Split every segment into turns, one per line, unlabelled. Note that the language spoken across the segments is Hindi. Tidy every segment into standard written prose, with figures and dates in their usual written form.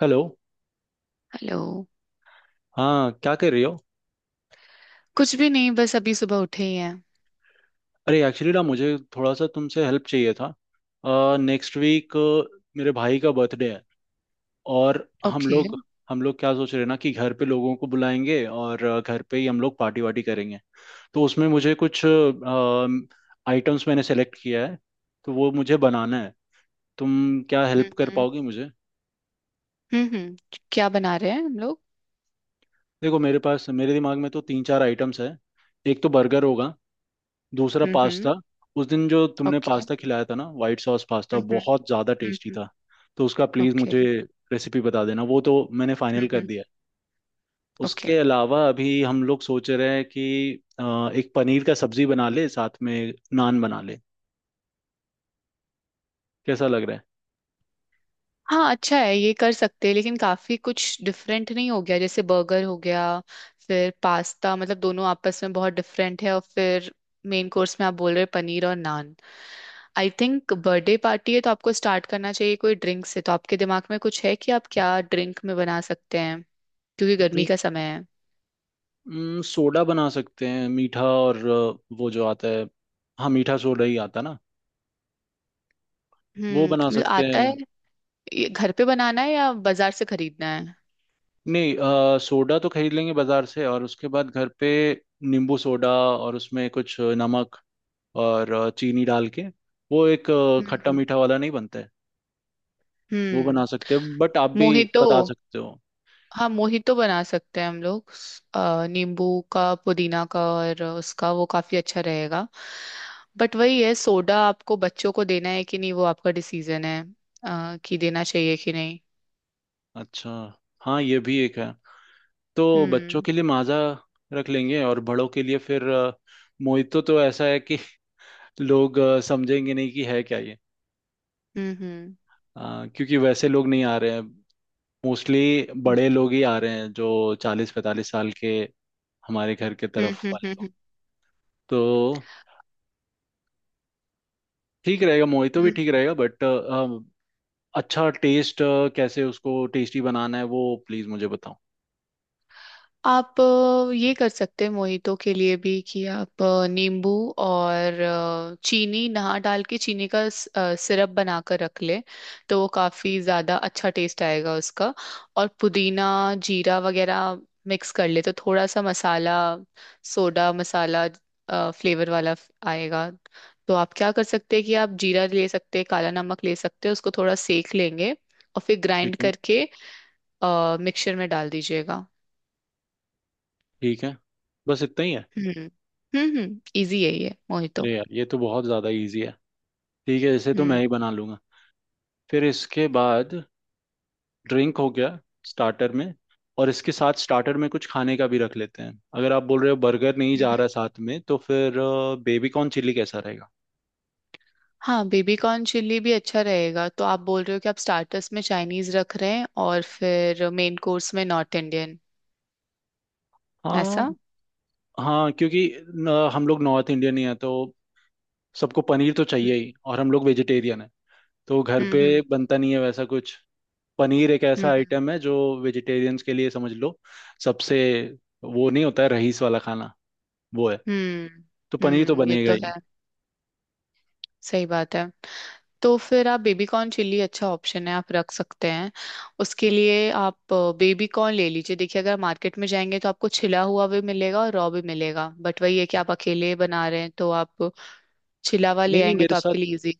हेलो।
हेलो।
हाँ, क्या कर रही हो?
कुछ भी नहीं, बस अभी सुबह उठे ही हैं।
अरे एक्चुअली ना, मुझे थोड़ा सा तुमसे हेल्प चाहिए था। नेक्स्ट वीक मेरे भाई का बर्थडे है। और हम
ओके।
लोग हम लोग क्या सोच रहे हैं ना, कि घर पे लोगों को बुलाएंगे और घर पे ही हम लोग पार्टी वार्टी करेंगे। तो उसमें मुझे कुछ आइटम्स मैंने सेलेक्ट किया है, तो वो मुझे बनाना है। तुम क्या हेल्प कर
हम्म।
पाओगे मुझे?
हम्म। क्या बना रहे हैं हम लोग?
देखो, मेरे पास, मेरे दिमाग में तो तीन चार आइटम्स है। एक तो बर्गर होगा, दूसरा
हम्म।
पास्ता। उस दिन जो तुमने
ओके।
पास्ता खिलाया था ना, वाइट सॉस पास्ता
हम्म।
बहुत ज़्यादा टेस्टी
हम्म।
था। तो उसका प्लीज़
ओके।
मुझे रेसिपी बता देना। वो तो मैंने फाइनल कर
हम्म।
दिया है।
ओके।
उसके अलावा अभी हम लोग सोच रहे हैं कि एक पनीर का सब्जी बना ले, साथ में नान बना ले। कैसा लग रहा है?
हाँ अच्छा है, ये कर सकते हैं, लेकिन काफी कुछ डिफरेंट नहीं हो गया। जैसे बर्गर हो गया, फिर पास्ता, मतलब दोनों आपस में बहुत डिफरेंट है। और फिर मेन कोर्स में आप बोल रहे हैं पनीर और naan. I think birthday party है तो आपको स्टार्ट करना चाहिए कोई ड्रिंक से। तो आपके दिमाग में कुछ है कि आप क्या ड्रिंक में बना सकते हैं? क्योंकि गर्मी
ड्रिंक
का समय है।
सोडा बना सकते हैं, मीठा, और वो जो आता है, हाँ, मीठा सोडा ही आता ना, वो
हम्म,
बना
मतलब
सकते
आता
हैं।
है। ये घर पे बनाना है या बाजार से खरीदना है?
नहीं, सोडा तो खरीद लेंगे बाजार से, और उसके बाद घर पे नींबू सोडा, और उसमें कुछ नमक और चीनी डाल के, वो एक खट्टा
हम्म
मीठा वाला नहीं बनता है? वो बना
हम्म।
सकते हैं। बट आप भी
मोहितो।
बता सकते हो।
हाँ, मोहितो बना सकते हैं हम लोग नींबू का, पुदीना का, और उसका वो काफी अच्छा रहेगा। बट वही है, सोडा आपको बच्चों को देना है कि नहीं, वो आपका डिसीजन है, कि देना चाहिए कि नहीं।
अच्छा, हाँ, ये भी एक है। तो बच्चों
हम्म
के लिए माजा रख लेंगे, और बड़ों के लिए फिर मोहितो। तो ऐसा है कि लोग समझेंगे नहीं कि है क्या ये।
हम्म।
क्योंकि वैसे लोग नहीं आ रहे हैं, मोस्टली बड़े लोग ही आ रहे हैं, जो चालीस पैंतालीस साल के, हमारे घर के
हम्म।
तरफ वाले।
हम्म।
तो ठीक रहेगा, मोहितो भी
हम्म।
ठीक रहेगा। बट अच्छा टेस्ट कैसे उसको टेस्टी बनाना है वो प्लीज मुझे बताओ।
आप ये कर सकते हैं मोहितो के लिए भी, कि आप नींबू और चीनी नहा डाल के चीनी का सिरप बनाकर रख ले। तो वो काफी ज्यादा अच्छा टेस्ट आएगा उसका। और पुदीना, जीरा वगैरह मिक्स कर ले तो थोड़ा सा मसाला, सोडा मसाला फ्लेवर वाला आएगा। तो आप क्या कर सकते हैं कि आप जीरा ले सकते हैं, काला नमक ले सकते हैं, उसको थोड़ा सेक लेंगे और फिर
ठीक
ग्राइंड
है,
करके मिक्सचर में डाल दीजिएगा।
ठीक है, बस इतना ही है?
हम्म हम्म, इजी है ये मोहितो।
अरे यार, ये तो बहुत ज़्यादा इजी है। ठीक है, इसे तो मैं
हम्म
ही बना लूंगा। फिर इसके बाद ड्रिंक हो गया, स्टार्टर में। और इसके साथ स्टार्टर में कुछ खाने का भी रख लेते हैं। अगर आप बोल रहे हो बर्गर नहीं जा
हम्म।
रहा साथ में, तो फिर बेबी कॉर्न चिल्ली कैसा रहेगा?
हाँ, बेबी कॉर्न चिल्ली भी अच्छा रहेगा। तो आप बोल रहे हो कि आप स्टार्टर्स में चाइनीज रख रहे हैं और फिर मेन कोर्स में नॉर्थ इंडियन?
हाँ,
ऐसा?
हाँ। क्योंकि न, हम लोग नॉर्थ इंडियन ही हैं, तो सबको पनीर तो
हम्म
चाहिए ही। और हम लोग वेजिटेरियन है, तो घर पे
हम्म
बनता नहीं है वैसा कुछ। पनीर एक ऐसा
हम्म
आइटम है जो वेजिटेरियंस के लिए, समझ लो, सबसे, वो नहीं होता है रईस वाला खाना वो है।
हम्म
तो पनीर तो
हम्म। ये
बनेगा
तो
ही।
है, सही बात है। तो फिर आप, बेबी कॉर्न चिल्ली अच्छा ऑप्शन है, आप रख सकते हैं। उसके लिए आप बेबी कॉर्न ले लीजिए। देखिए, अगर मार्केट में जाएंगे तो आपको छिला हुआ भी मिलेगा और रॉ भी मिलेगा, बट वही है कि आप अकेले बना रहे हैं तो आप चिलावा ले
नहीं नहीं,
आएंगे
मेरे
तो
साथ
आपके लिए इजी।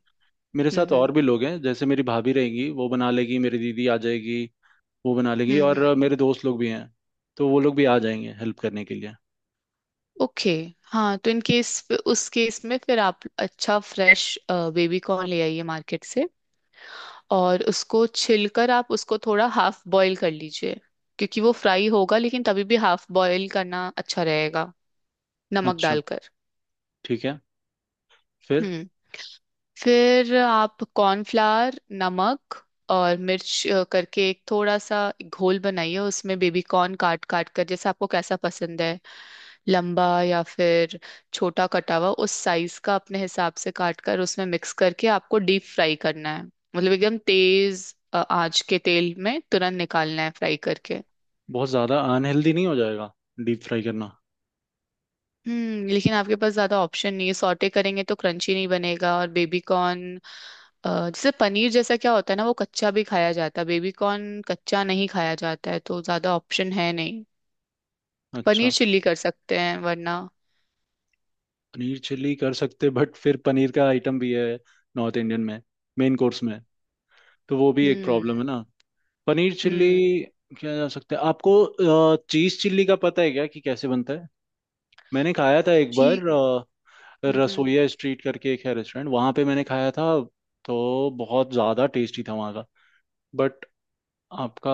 मेरे
हम्म
साथ और
हम्म
भी लोग हैं। जैसे मेरी भाभी रहेंगी, वो बना लेगी, मेरी दीदी आ जाएगी, वो बना लेगी, और
हम्म।
मेरे दोस्त लोग भी हैं, तो वो लोग भी आ जाएंगे हेल्प करने के लिए।
ओके। हाँ, तो इन केस उस केस में फिर आप अच्छा फ्रेश बेबी कॉर्न ले आइए मार्केट से, और उसको छिलकर आप उसको थोड़ा हाफ बॉईल कर लीजिए। क्योंकि वो फ्राई होगा, लेकिन तभी भी हाफ बॉईल करना अच्छा रहेगा, नमक
अच्छा,
डालकर।
ठीक है। फिर
हम्म। फिर आप कॉर्नफ्लावर, नमक और मिर्च करके एक थोड़ा सा घोल बनाइए। उसमें बेबी कॉर्न काट काट कर, जैसे आपको कैसा पसंद है, लंबा या फिर छोटा कटा हुआ, उस साइज का अपने हिसाब से काट कर, उसमें मिक्स करके आपको डीप फ्राई करना है। मतलब एकदम तेज आंच के तेल में तुरंत निकालना है फ्राई करके।
बहुत ज़्यादा अनहेल्दी नहीं हो जाएगा डीप फ्राई करना?
हम्म, लेकिन आपके पास ज्यादा ऑप्शन नहीं है। सॉटे करेंगे तो क्रंची नहीं बनेगा, और बेबी कॉर्न जैसे, पनीर जैसा क्या होता है ना, वो कच्चा भी खाया जाता है, बेबी कॉर्न कच्चा नहीं खाया जाता है, तो ज्यादा ऑप्शन है नहीं। पनीर
अच्छा।
चिल्ली कर सकते हैं वरना।
पनीर चिल्ली कर सकते, बट फिर पनीर का आइटम भी है नॉर्थ इंडियन में, मेन कोर्स में, तो वो भी एक प्रॉब्लम है
हम्म
ना। पनीर चिल्ली
हम्म।
क्या जा सकता है आपको? चीज चिल्ली का पता है क्या कि कैसे बनता है? मैंने खाया था एक बार,
जी। हम्म हम्म
रसोइया स्ट्रीट करके एक है रेस्टोरेंट, वहां पे मैंने खाया था। तो बहुत ज्यादा टेस्टी था वहां का। बट आपका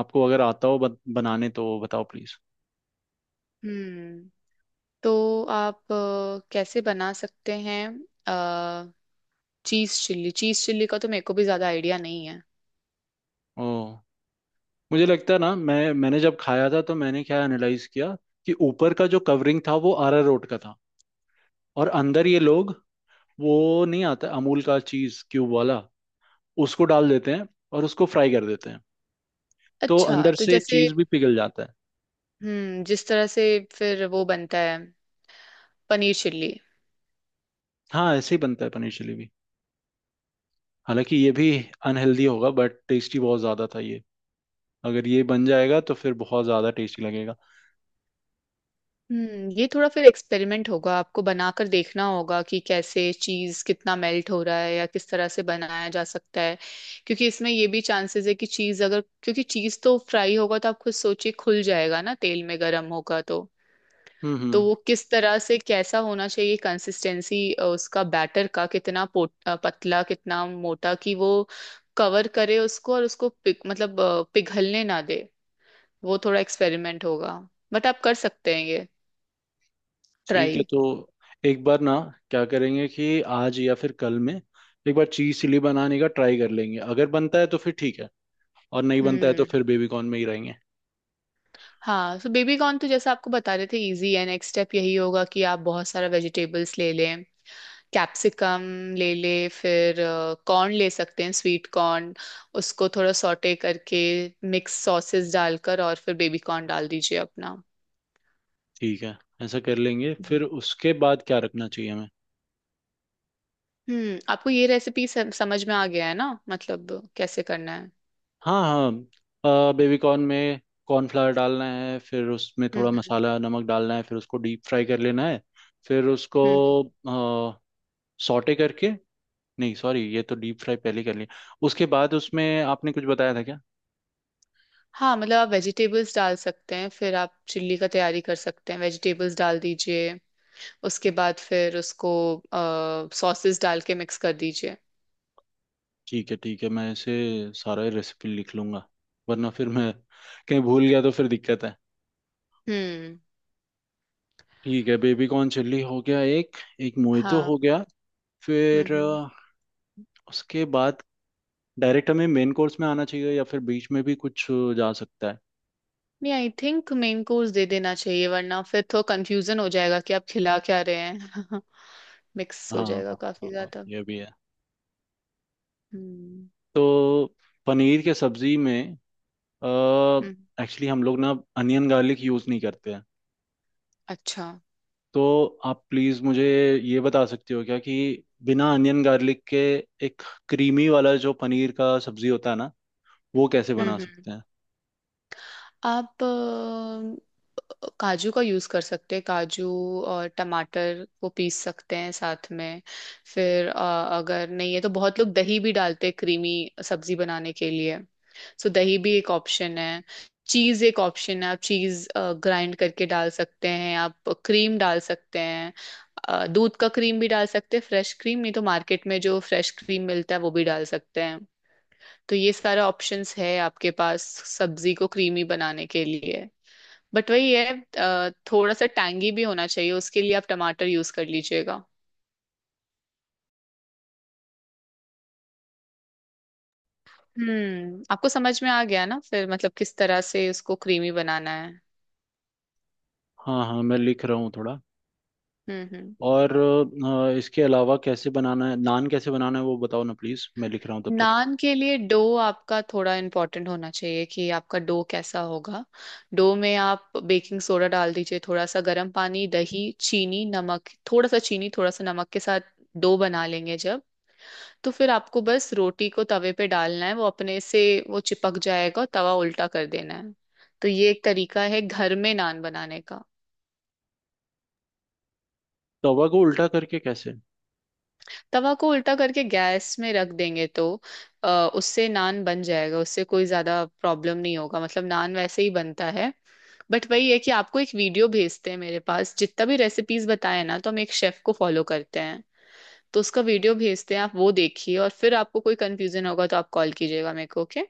आपको अगर आता हो बनाने, तो बताओ प्लीज
हम्म। तो आप कैसे बना सकते हैं चीज चिल्ली? चीज चिल्ली का तो मेरे को भी ज्यादा आइडिया नहीं है।
ओ, मुझे लगता है ना, मैंने जब खाया था तो मैंने क्या एनालाइज किया कि ऊपर का जो कवरिंग था वो अरारोट का था। और अंदर ये लोग, वो नहीं आता अमूल का चीज क्यूब वाला, उसको डाल देते हैं और उसको फ्राई कर देते हैं, तो
अच्छा,
अंदर
तो
से
जैसे।
चीज भी पिघल जाता है।
हम्म, जिस तरह से फिर वो बनता है पनीर चिल्ली।
हाँ, ऐसे ही बनता है पनीर चिली भी। हालांकि ये भी अनहेल्दी होगा, बट टेस्टी बहुत ज्यादा था ये। अगर ये बन जाएगा तो फिर बहुत ज्यादा टेस्टी लगेगा।
हम्म, ये थोड़ा फिर एक्सपेरिमेंट होगा, आपको बनाकर देखना होगा कि कैसे चीज कितना मेल्ट हो रहा है या किस तरह से बनाया जा सकता है। क्योंकि इसमें ये भी चांसेस है कि चीज अगर, क्योंकि चीज तो फ्राई होगा तो आप खुद सोचिए खुल जाएगा ना, तेल में गर्म होगा तो
हम्म,
तो
हम्म।
वो किस तरह से कैसा होना चाहिए कंसिस्टेंसी उसका, बैटर का कितना पतला कितना मोटा, कि वो कवर करे उसको और उसको पिघ मतलब पिघलने ना दे। वो थोड़ा एक्सपेरिमेंट होगा, बट आप कर सकते हैं ये ट्राई।
ठीक है, तो एक बार ना, क्या करेंगे कि आज या फिर कल में एक बार चीज चिली बनाने का ट्राई कर लेंगे। अगर बनता है तो फिर ठीक है, और नहीं बनता है तो
हम्म।
फिर बेबी कॉर्न में ही रहेंगे।
हाँ, सो बेबी कॉर्न तो जैसा आपको बता रहे थे इजी है। नेक्स्ट स्टेप यही होगा कि आप बहुत सारा वेजिटेबल्स ले लें, कैप्सिकम ले ले, फिर कॉर्न ले सकते हैं, स्वीट कॉर्न, उसको थोड़ा सॉटे करके मिक्स सॉसेस डालकर और फिर बेबी कॉर्न डाल दीजिए अपना।
ठीक है, ऐसा कर लेंगे।
हम्म।
फिर उसके बाद क्या रखना चाहिए हमें?
हम्म, आपको ये रेसिपी समझ में आ गया है ना, मतलब कैसे करना है?
हाँ, हाँ। बेबी कॉर्न में कॉर्नफ्लावर डालना है, फिर उसमें थोड़ा
हम्म।
मसाला नमक डालना है, फिर उसको डीप फ्राई कर लेना है। फिर उसको
हम्म।
सॉटे करके, नहीं सॉरी, ये तो डीप फ्राई पहले कर लिया। उसके बाद उसमें आपने कुछ बताया था क्या?
हाँ, मतलब आप वेजिटेबल्स डाल सकते हैं, फिर आप चिल्ली का तैयारी कर सकते हैं, वेजिटेबल्स डाल दीजिए। उसके बाद फिर उसको सॉसेस डाल के मिक्स कर दीजिए।
ठीक है, ठीक है, मैं इसे सारा रेसिपी लिख लूंगा, वरना फिर मैं कहीं भूल गया तो फिर दिक्कत है।
हम्म।
ठीक है, बेबी कॉर्न चिल्ली हो गया एक। एक मोहितो
हाँ।
हो गया। फिर
हम्म।
उसके बाद डायरेक्ट हमें मेन कोर्स में आना चाहिए, या फिर बीच में भी कुछ जा सकता है?
नहीं, आई थिंक मेन कोर्स दे देना चाहिए वरना फिर तो कंफ्यूजन हो जाएगा कि आप खिला क्या रहे हैं। मिक्स हो
हाँ,
जाएगा
हाँ,
काफी
हाँ, हाँ,
ज्यादा।
ये भी है।
हम्म
तो पनीर के सब्जी में,
हम्म।
एक्चुअली हम लोग ना अनियन गार्लिक यूज़ नहीं करते हैं।
अच्छा।
तो आप प्लीज़ मुझे ये बता सकते हो क्या कि बिना अनियन गार्लिक के एक क्रीमी वाला जो पनीर का सब्जी होता है ना, वो कैसे बना
हम्म हम्म।
सकते हैं?
आप काजू का यूज़ कर सकते हैं, काजू और टमाटर को पीस सकते हैं साथ में। फिर अगर नहीं है तो बहुत लोग दही भी डालते हैं क्रीमी सब्जी बनाने के लिए। सो दही भी एक ऑप्शन है, चीज़ एक ऑप्शन है, आप चीज़ ग्राइंड करके डाल सकते हैं, आप क्रीम डाल सकते हैं, दूध का क्रीम भी डाल सकते हैं, फ्रेश क्रीम। नहीं तो मार्केट में जो फ्रेश क्रीम मिलता है वो भी डाल सकते हैं। तो ये सारा ऑप्शंस है आपके पास सब्जी को क्रीमी बनाने के लिए। बट वही है, थोड़ा सा टैंगी भी होना चाहिए, उसके लिए आप टमाटर यूज कर लीजिएगा। हम्म, आपको समझ में आ गया ना फिर, मतलब किस तरह से उसको क्रीमी बनाना है?
हाँ, हाँ, मैं लिख रहा हूँ थोड़ा।
हम्म।
और इसके अलावा कैसे बनाना है, नान कैसे बनाना है, वो बताओ ना प्लीज़, मैं लिख रहा हूँ तब तक।
नान के लिए डो आपका थोड़ा इम्पोर्टेंट होना चाहिए कि आपका डो कैसा होगा। डो में आप बेकिंग सोडा डाल दीजिए, थोड़ा सा गर्म पानी, दही, चीनी, नमक, थोड़ा सा चीनी थोड़ा सा नमक के साथ डो बना लेंगे जब, तो फिर आपको बस रोटी को तवे पे डालना है, वो अपने से वो चिपक जाएगा और तवा उल्टा कर देना है। तो ये एक तरीका है घर में नान बनाने का।
तवा को उल्टा करके कैसे?
तवा को उल्टा करके गैस में रख देंगे तो, उससे नान बन जाएगा, उससे कोई ज्यादा प्रॉब्लम नहीं होगा, मतलब नान वैसे ही बनता है। बट वही है कि आपको एक वीडियो भेजते हैं, मेरे पास जितना भी रेसिपीज बताए ना तो हम एक शेफ को फॉलो करते हैं, तो उसका वीडियो भेजते हैं। आप वो देखिए और फिर आपको कोई कंफ्यूजन होगा तो आप कॉल कीजिएगा मेरे को, ओके?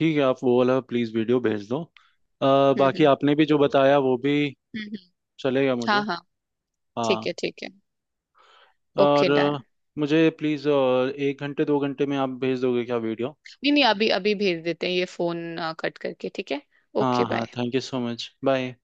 ठीक है, आप वो वाला प्लीज़ वीडियो भेज दो,
हम्म हम्म
बाकी आपने भी जो बताया वो भी
हम्म, हम्म।
चलेगा मुझे।
हाँ हाँ। ठीक
हाँ।
है ठीक है। ओके
और
डन।
मुझे प्लीज़ 1 घंटे 2 घंटे में आप भेज दोगे क्या वीडियो?
नहीं नहीं, अभी अभी भेज देते हैं, ये फोन कट करके, ठीक है। ओके
हाँ, हाँ,
bye.
Thank you so much, bye.